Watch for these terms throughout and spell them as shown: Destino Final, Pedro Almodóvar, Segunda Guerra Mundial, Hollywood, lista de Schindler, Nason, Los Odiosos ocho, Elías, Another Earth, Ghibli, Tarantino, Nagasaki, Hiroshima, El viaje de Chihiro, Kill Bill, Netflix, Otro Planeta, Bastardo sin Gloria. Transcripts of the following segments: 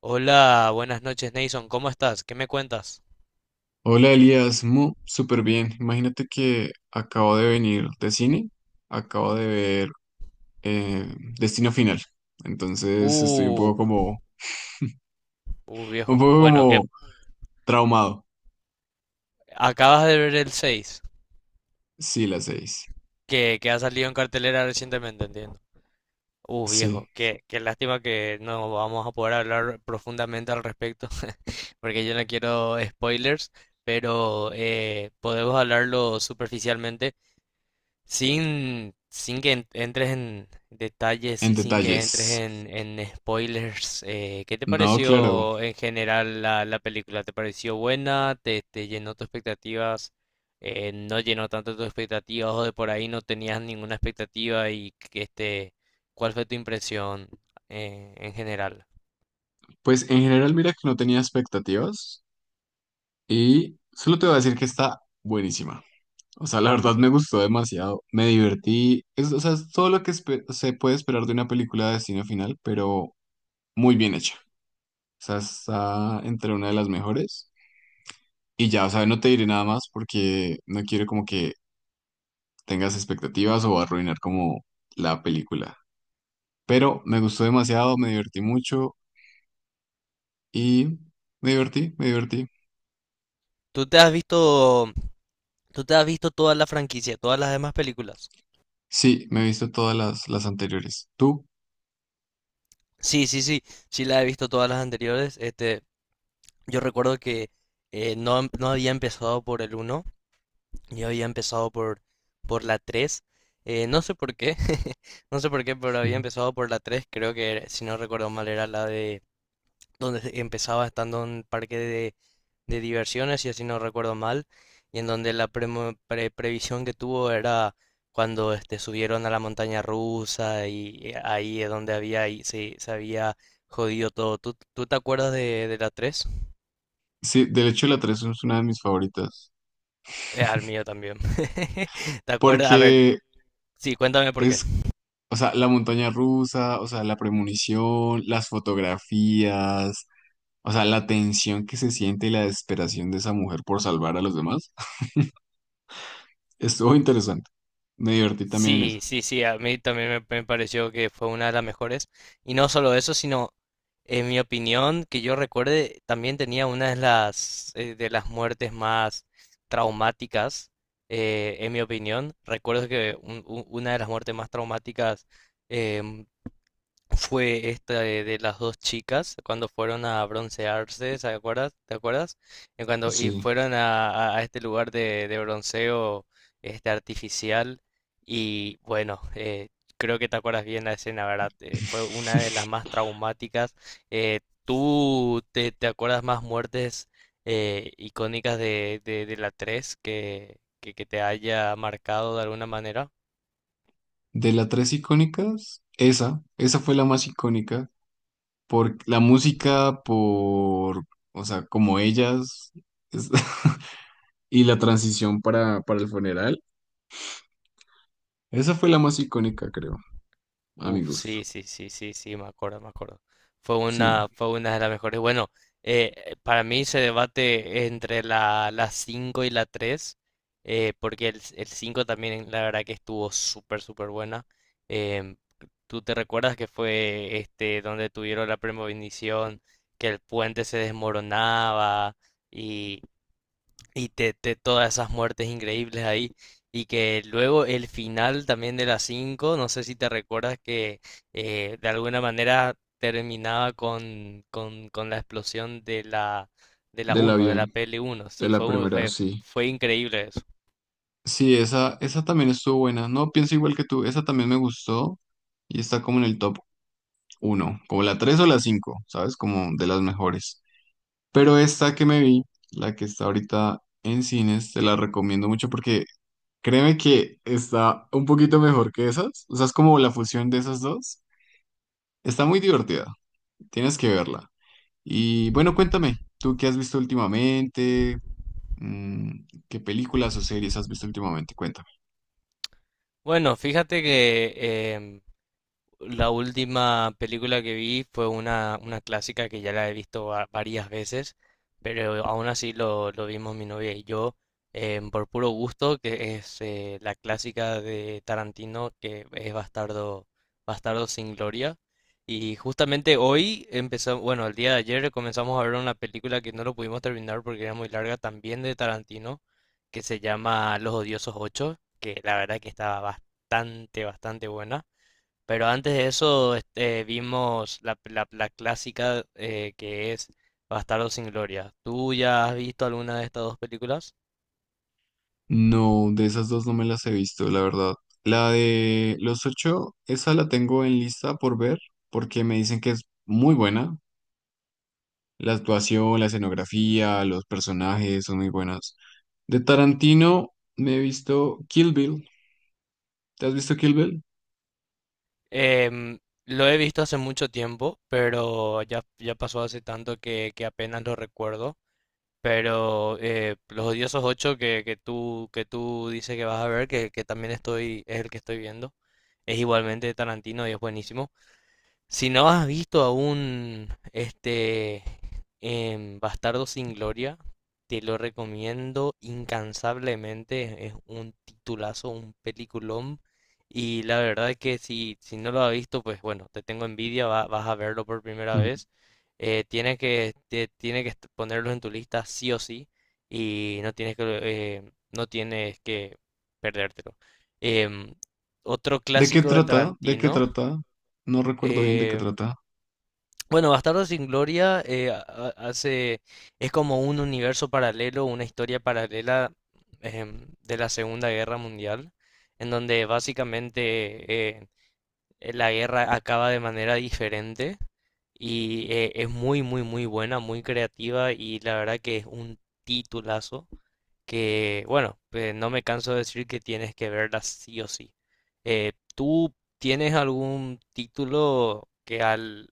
Hola, buenas noches, Nason. ¿Cómo estás? ¿Qué me cuentas? Hola Elías, súper bien. Imagínate que acabo de venir de cine, acabo de ver eh, Destino Final. Entonces estoy Uh, un viejo. poco Bueno, que como traumado. acabas de ver el 6, Sí, las seis. que ha salido en cartelera recientemente, entiendo. Viejo, Sí, qué lástima que no vamos a poder hablar profundamente al respecto, porque yo no quiero spoilers, pero podemos hablarlo superficialmente. Sin que entres en detalles en y sin que entres detalles. En spoilers, ¿qué te No, claro. pareció en general la película? ¿Te pareció buena? ¿Te llenó tus expectativas? ¿No llenó tanto tus expectativas o de por ahí no tenías ninguna expectativa? Y que este, ¿cuál fue tu impresión en general? Pues en general mira que no tenía expectativas y solo te voy a decir que está buenísima. O sea, la verdad me gustó demasiado, me divertí. O sea, es todo lo que se puede esperar de una película de Destino Final, pero muy bien hecha. O sea, está entre una de las mejores. Y ya, o sea, no te diré nada más porque no quiero como que tengas expectativas o arruinar como la película. Pero me gustó demasiado, me divertí mucho y me divertí. ¿Tú te has visto, ¿tú te has visto toda la franquicia, todas las demás películas? Sí, me he visto todas las anteriores. ¿Tú? Sí, sí, sí, sí la he visto todas las anteriores. Este, yo recuerdo que no había empezado por el uno, yo había empezado por la 3. No sé por qué, no sé por qué, pero había Ujú. empezado por la 3. Creo que, si no recuerdo mal, era la de donde empezaba estando en un parque de diversiones, y así no recuerdo mal. Y en donde la previsión que tuvo era cuando este, subieron a la montaña rusa y ahí es donde había, y se había jodido todo. ¿Tú te acuerdas de la 3? Sí, del hecho la 3 es una de mis favoritas. Al mío también. ¿Te acuerdas? A ver, Porque sí, cuéntame por qué. es, o sea, la montaña rusa, o sea, la premonición, las fotografías. O sea, la tensión que se siente y la desesperación de esa mujer por salvar a los demás. Estuvo interesante. Me divertí también en eso. Sí, sí, sí, a mí también me pareció que fue una de las mejores. Y no solo eso, sino, en mi opinión, que yo recuerde, también tenía una de las muertes más traumáticas, en mi opinión. Recuerdo que una de las muertes más traumáticas, em, fue esta de las dos chicas cuando fueron a broncearse, ¿se acuerdas? ¿Te acuerdas? Cuando y Sí. fueron a este lugar de bronceo este artificial y bueno, creo que te acuerdas bien la escena, ¿verdad? Fue una de las más traumáticas. Eh, ¿Tú te acuerdas más muertes icónicas de la 3 que te haya marcado de alguna manera? De las tres icónicas, esa fue la más icónica. Por la música, por, o sea, como ellas, es- y la transición para el funeral. Esa fue la más icónica, creo, a mi Uf, gusto. sí, sí, sí, sí, sí, me acuerdo, me acuerdo. Sí, Fue una de las mejores. Bueno, para mí se debate entre la, la 5 y la 3 porque el 5 también la verdad que estuvo súper, súper buena. Em, ¿Tú te recuerdas que fue este donde tuvieron la premonición, que el puente se desmoronaba y todas esas muertes increíbles ahí? Y que luego el final también de la cinco, no sé si te recuerdas que de alguna manera terminaba con la explosión de la del uno de la avión, pl uno. de Sí, la primera, sí. fue increíble eso. Sí, esa también estuvo buena. No, pienso igual que tú. Esa también me gustó y está como en el top uno, como la 3 o la 5, ¿sabes? Como de las mejores. Pero esta que me vi, la que está ahorita en cines, te la recomiendo mucho porque créeme que está un poquito mejor que esas. O sea, es como la fusión de esas dos. Está muy divertida. Tienes que verla. Y bueno, cuéntame, ¿tú qué has visto últimamente? ¿Qué películas o series has visto últimamente? Cuéntame. Bueno, fíjate que la última película que vi fue una clásica que ya la he visto varias veces, pero aún así lo vimos mi novia y yo por puro gusto, que es la clásica de Tarantino que es Bastardo sin Gloria. Y justamente hoy empezamos, bueno, el día de ayer comenzamos a ver una película que no lo pudimos terminar porque era muy larga, también de Tarantino, que se llama Los Odiosos Ocho, que la verdad que estaba bastante, bastante buena. Pero antes de eso este, vimos la clásica que es Bastardos sin Gloria. ¿Tú ya has visto alguna de estas dos películas? No, de esas dos no me las he visto, la verdad. La de Los Ocho, esa la tengo en lista por ver, porque me dicen que es muy buena. La actuación, la escenografía, los personajes son muy buenas. De Tarantino me he visto Kill Bill. ¿Te has visto Kill Bill? Em, lo he visto hace mucho tiempo, pero ya, ya pasó hace tanto que apenas lo recuerdo. Pero Los Odiosos Ocho que, que tú dices que vas a ver, que también estoy, es el que estoy viendo, es igualmente de Tarantino y es buenísimo. Si no has visto aún este Bastardo sin Gloria, te lo recomiendo incansablemente. Es un titulazo, un peliculón. Y la verdad es que si, si no lo has visto, pues bueno, te tengo envidia, vas a verlo por primera Mm. vez. Tienes que, tiene que ponerlo en tu lista sí o sí. Y no tienes que, no tienes que perdértelo. Em, Otro ¿De qué clásico de trata? ¿De qué Tarantino. trata? No recuerdo bien de qué em, trata. bueno, Bastardo sin Gloria es como un universo paralelo, una historia paralela de la Segunda Guerra Mundial, en donde básicamente la guerra acaba de manera diferente y es muy, muy, muy buena, muy creativa y la verdad que es un titulazo que, bueno, pues, no me canso de decir que tienes que verla sí o sí. ¿Tú tienes algún título que al,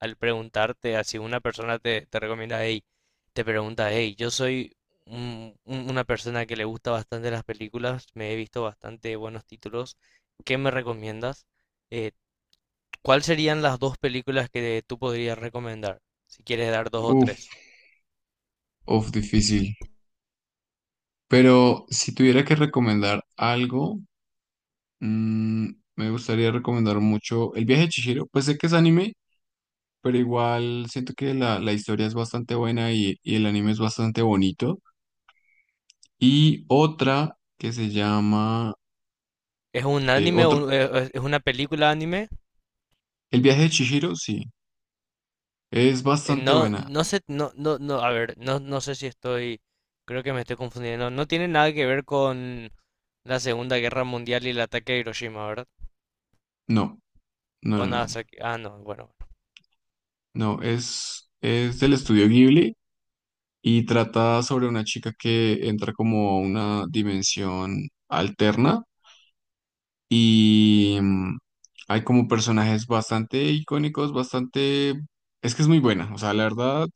al preguntarte, así una persona te recomienda, hey, te pregunta, hey, yo soy una persona que le gusta bastante las películas, me he visto bastante buenos títulos, ¿qué me recomiendas? Eh, ¿Cuáles serían las dos películas que tú podrías recomendar? Si quieres dar dos o Uf, tres. uf, difícil. Pero si tuviera que recomendar algo, mm, me gustaría recomendar mucho El viaje de Chihiro. Pues sé que es anime, pero igual siento que la historia es bastante buena y el anime es bastante bonito. Y otra que se llama, ¿Es un eh, anime? otro, ¿Es una película anime? El viaje de Chihiro, sí, es bastante No, buena. no sé, no, no, no, a ver, no, no sé si estoy, creo que me estoy confundiendo. No tiene nada que ver con la Segunda Guerra Mundial y el ataque a Hiroshima, ¿verdad? No, no, O no, no, Nagasaki. Ah, no, bueno. no, es del estudio Ghibli y trata sobre una chica que entra como a una dimensión alterna y hay como personajes bastante icónicos, bastante. Es que es muy buena, o sea, la verdad.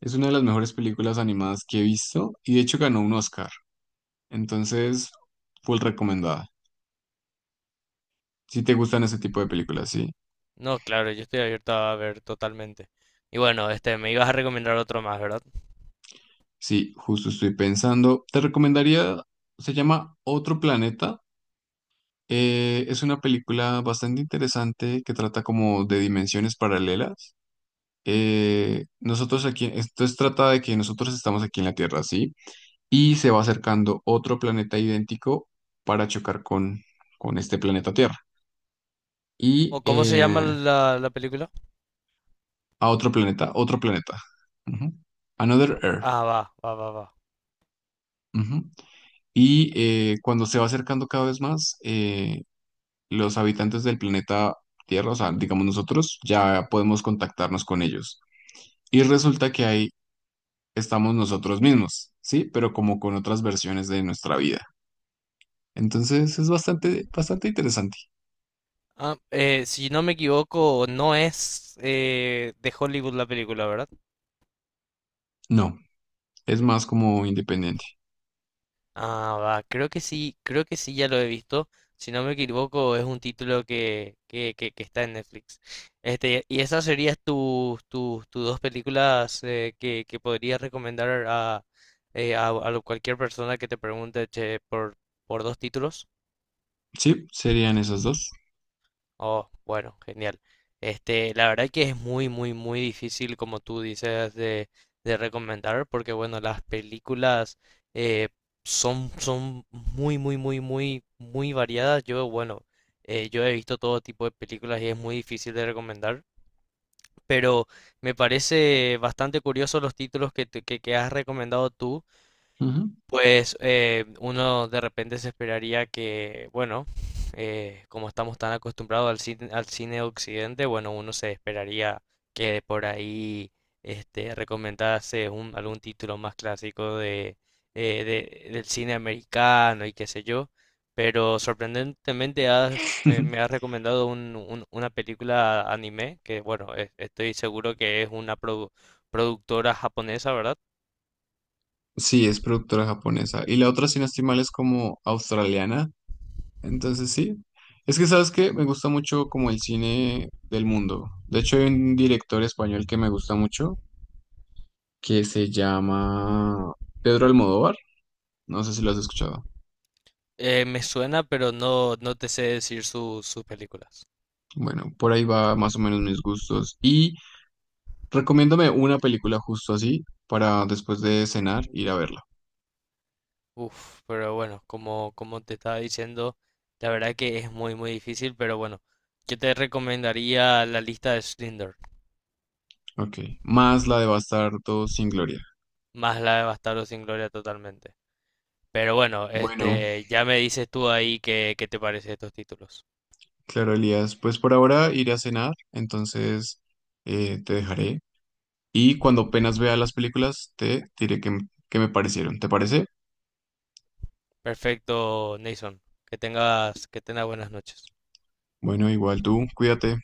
Es una de las mejores películas animadas que he visto y de hecho ganó un Oscar. Entonces, full recomendada. Si te gustan ese tipo de películas, sí. No, claro, yo estoy abierto a ver totalmente. Y bueno, este, me ibas a recomendar otro más, ¿verdad? Sí, justo estoy pensando. Te recomendaría, se llama Otro Planeta. Es una película bastante interesante que trata como de dimensiones paralelas. Nosotros aquí, trata de que nosotros estamos aquí en la Tierra, sí, y se va acercando otro planeta idéntico para chocar con este planeta Tierra. Y ¿O cómo se llama eh, la película? A otro planeta, otro planeta. Ujú. Another Earth. Ah, va, va, va, va. Ujú. Cuando se va acercando cada vez más, los habitantes del planeta Tierra, o sea, digamos nosotros, ya podemos contactarnos con ellos. Y resulta que ahí estamos nosotros mismos, ¿sí? Pero como con otras versiones de nuestra vida. Entonces es bastante, bastante interesante. Ah, si no me equivoco, no es de Hollywood la película, ¿verdad? No, es más como independiente. Ah, va, creo que sí, ya lo he visto. Si no me equivoco, es un título que está en Netflix. Este, y esas serían tus dos películas que podrías recomendar a, a cualquier persona que te pregunte, che, por dos títulos. Sí, serían esas dos. Oh, bueno, genial. Este, la verdad que es muy, muy, muy difícil, como tú dices, de recomendar, porque bueno, las películas eh, son, son muy, muy, muy, muy, muy variadas. Yo, bueno, yo he visto todo tipo de películas y es muy difícil de recomendar, pero me parece bastante curioso los títulos que, que has recomendado tú. Ujú. Pues uno de repente se esperaría que, bueno, como estamos tan acostumbrados al cine de Occidente, bueno, uno se esperaría que por ahí este, recomendase un, algún título más clásico de, del cine americano y qué sé yo, pero sorprendentemente me has recomendado una película anime que, bueno, estoy seguro que es una productora japonesa, ¿verdad? Sí, es productora japonesa. Y la otra, si no estoy mal, es como australiana. Entonces sí, es que sabes que me gusta mucho como el cine del mundo. De hecho, hay un director español que me gusta mucho, que se llama Pedro Almodóvar. No sé si lo has escuchado. Me suena, pero no, no te sé decir sus películas. Bueno, por ahí va más o menos mis gustos. Y recomiéndame una película justo así para después de cenar ir a verla. Uf, pero bueno, como, como te estaba diciendo, la verdad que es muy, muy difícil, pero bueno, yo te recomendaría La Lista de Schindler, Ok, más la de Bastardo sin Gloria. más la de Bastardos sin Gloria totalmente. Pero bueno, Bueno, este, ya me dices tú ahí qué, qué te parece estos títulos. claro, Elías, pues por ahora iré a cenar, entonces te dejaré. Y cuando apenas vea las películas, te diré qué me parecieron. ¿Te parece? Perfecto, Nason. Que tengas buenas noches. Bueno, igual tú, cuídate.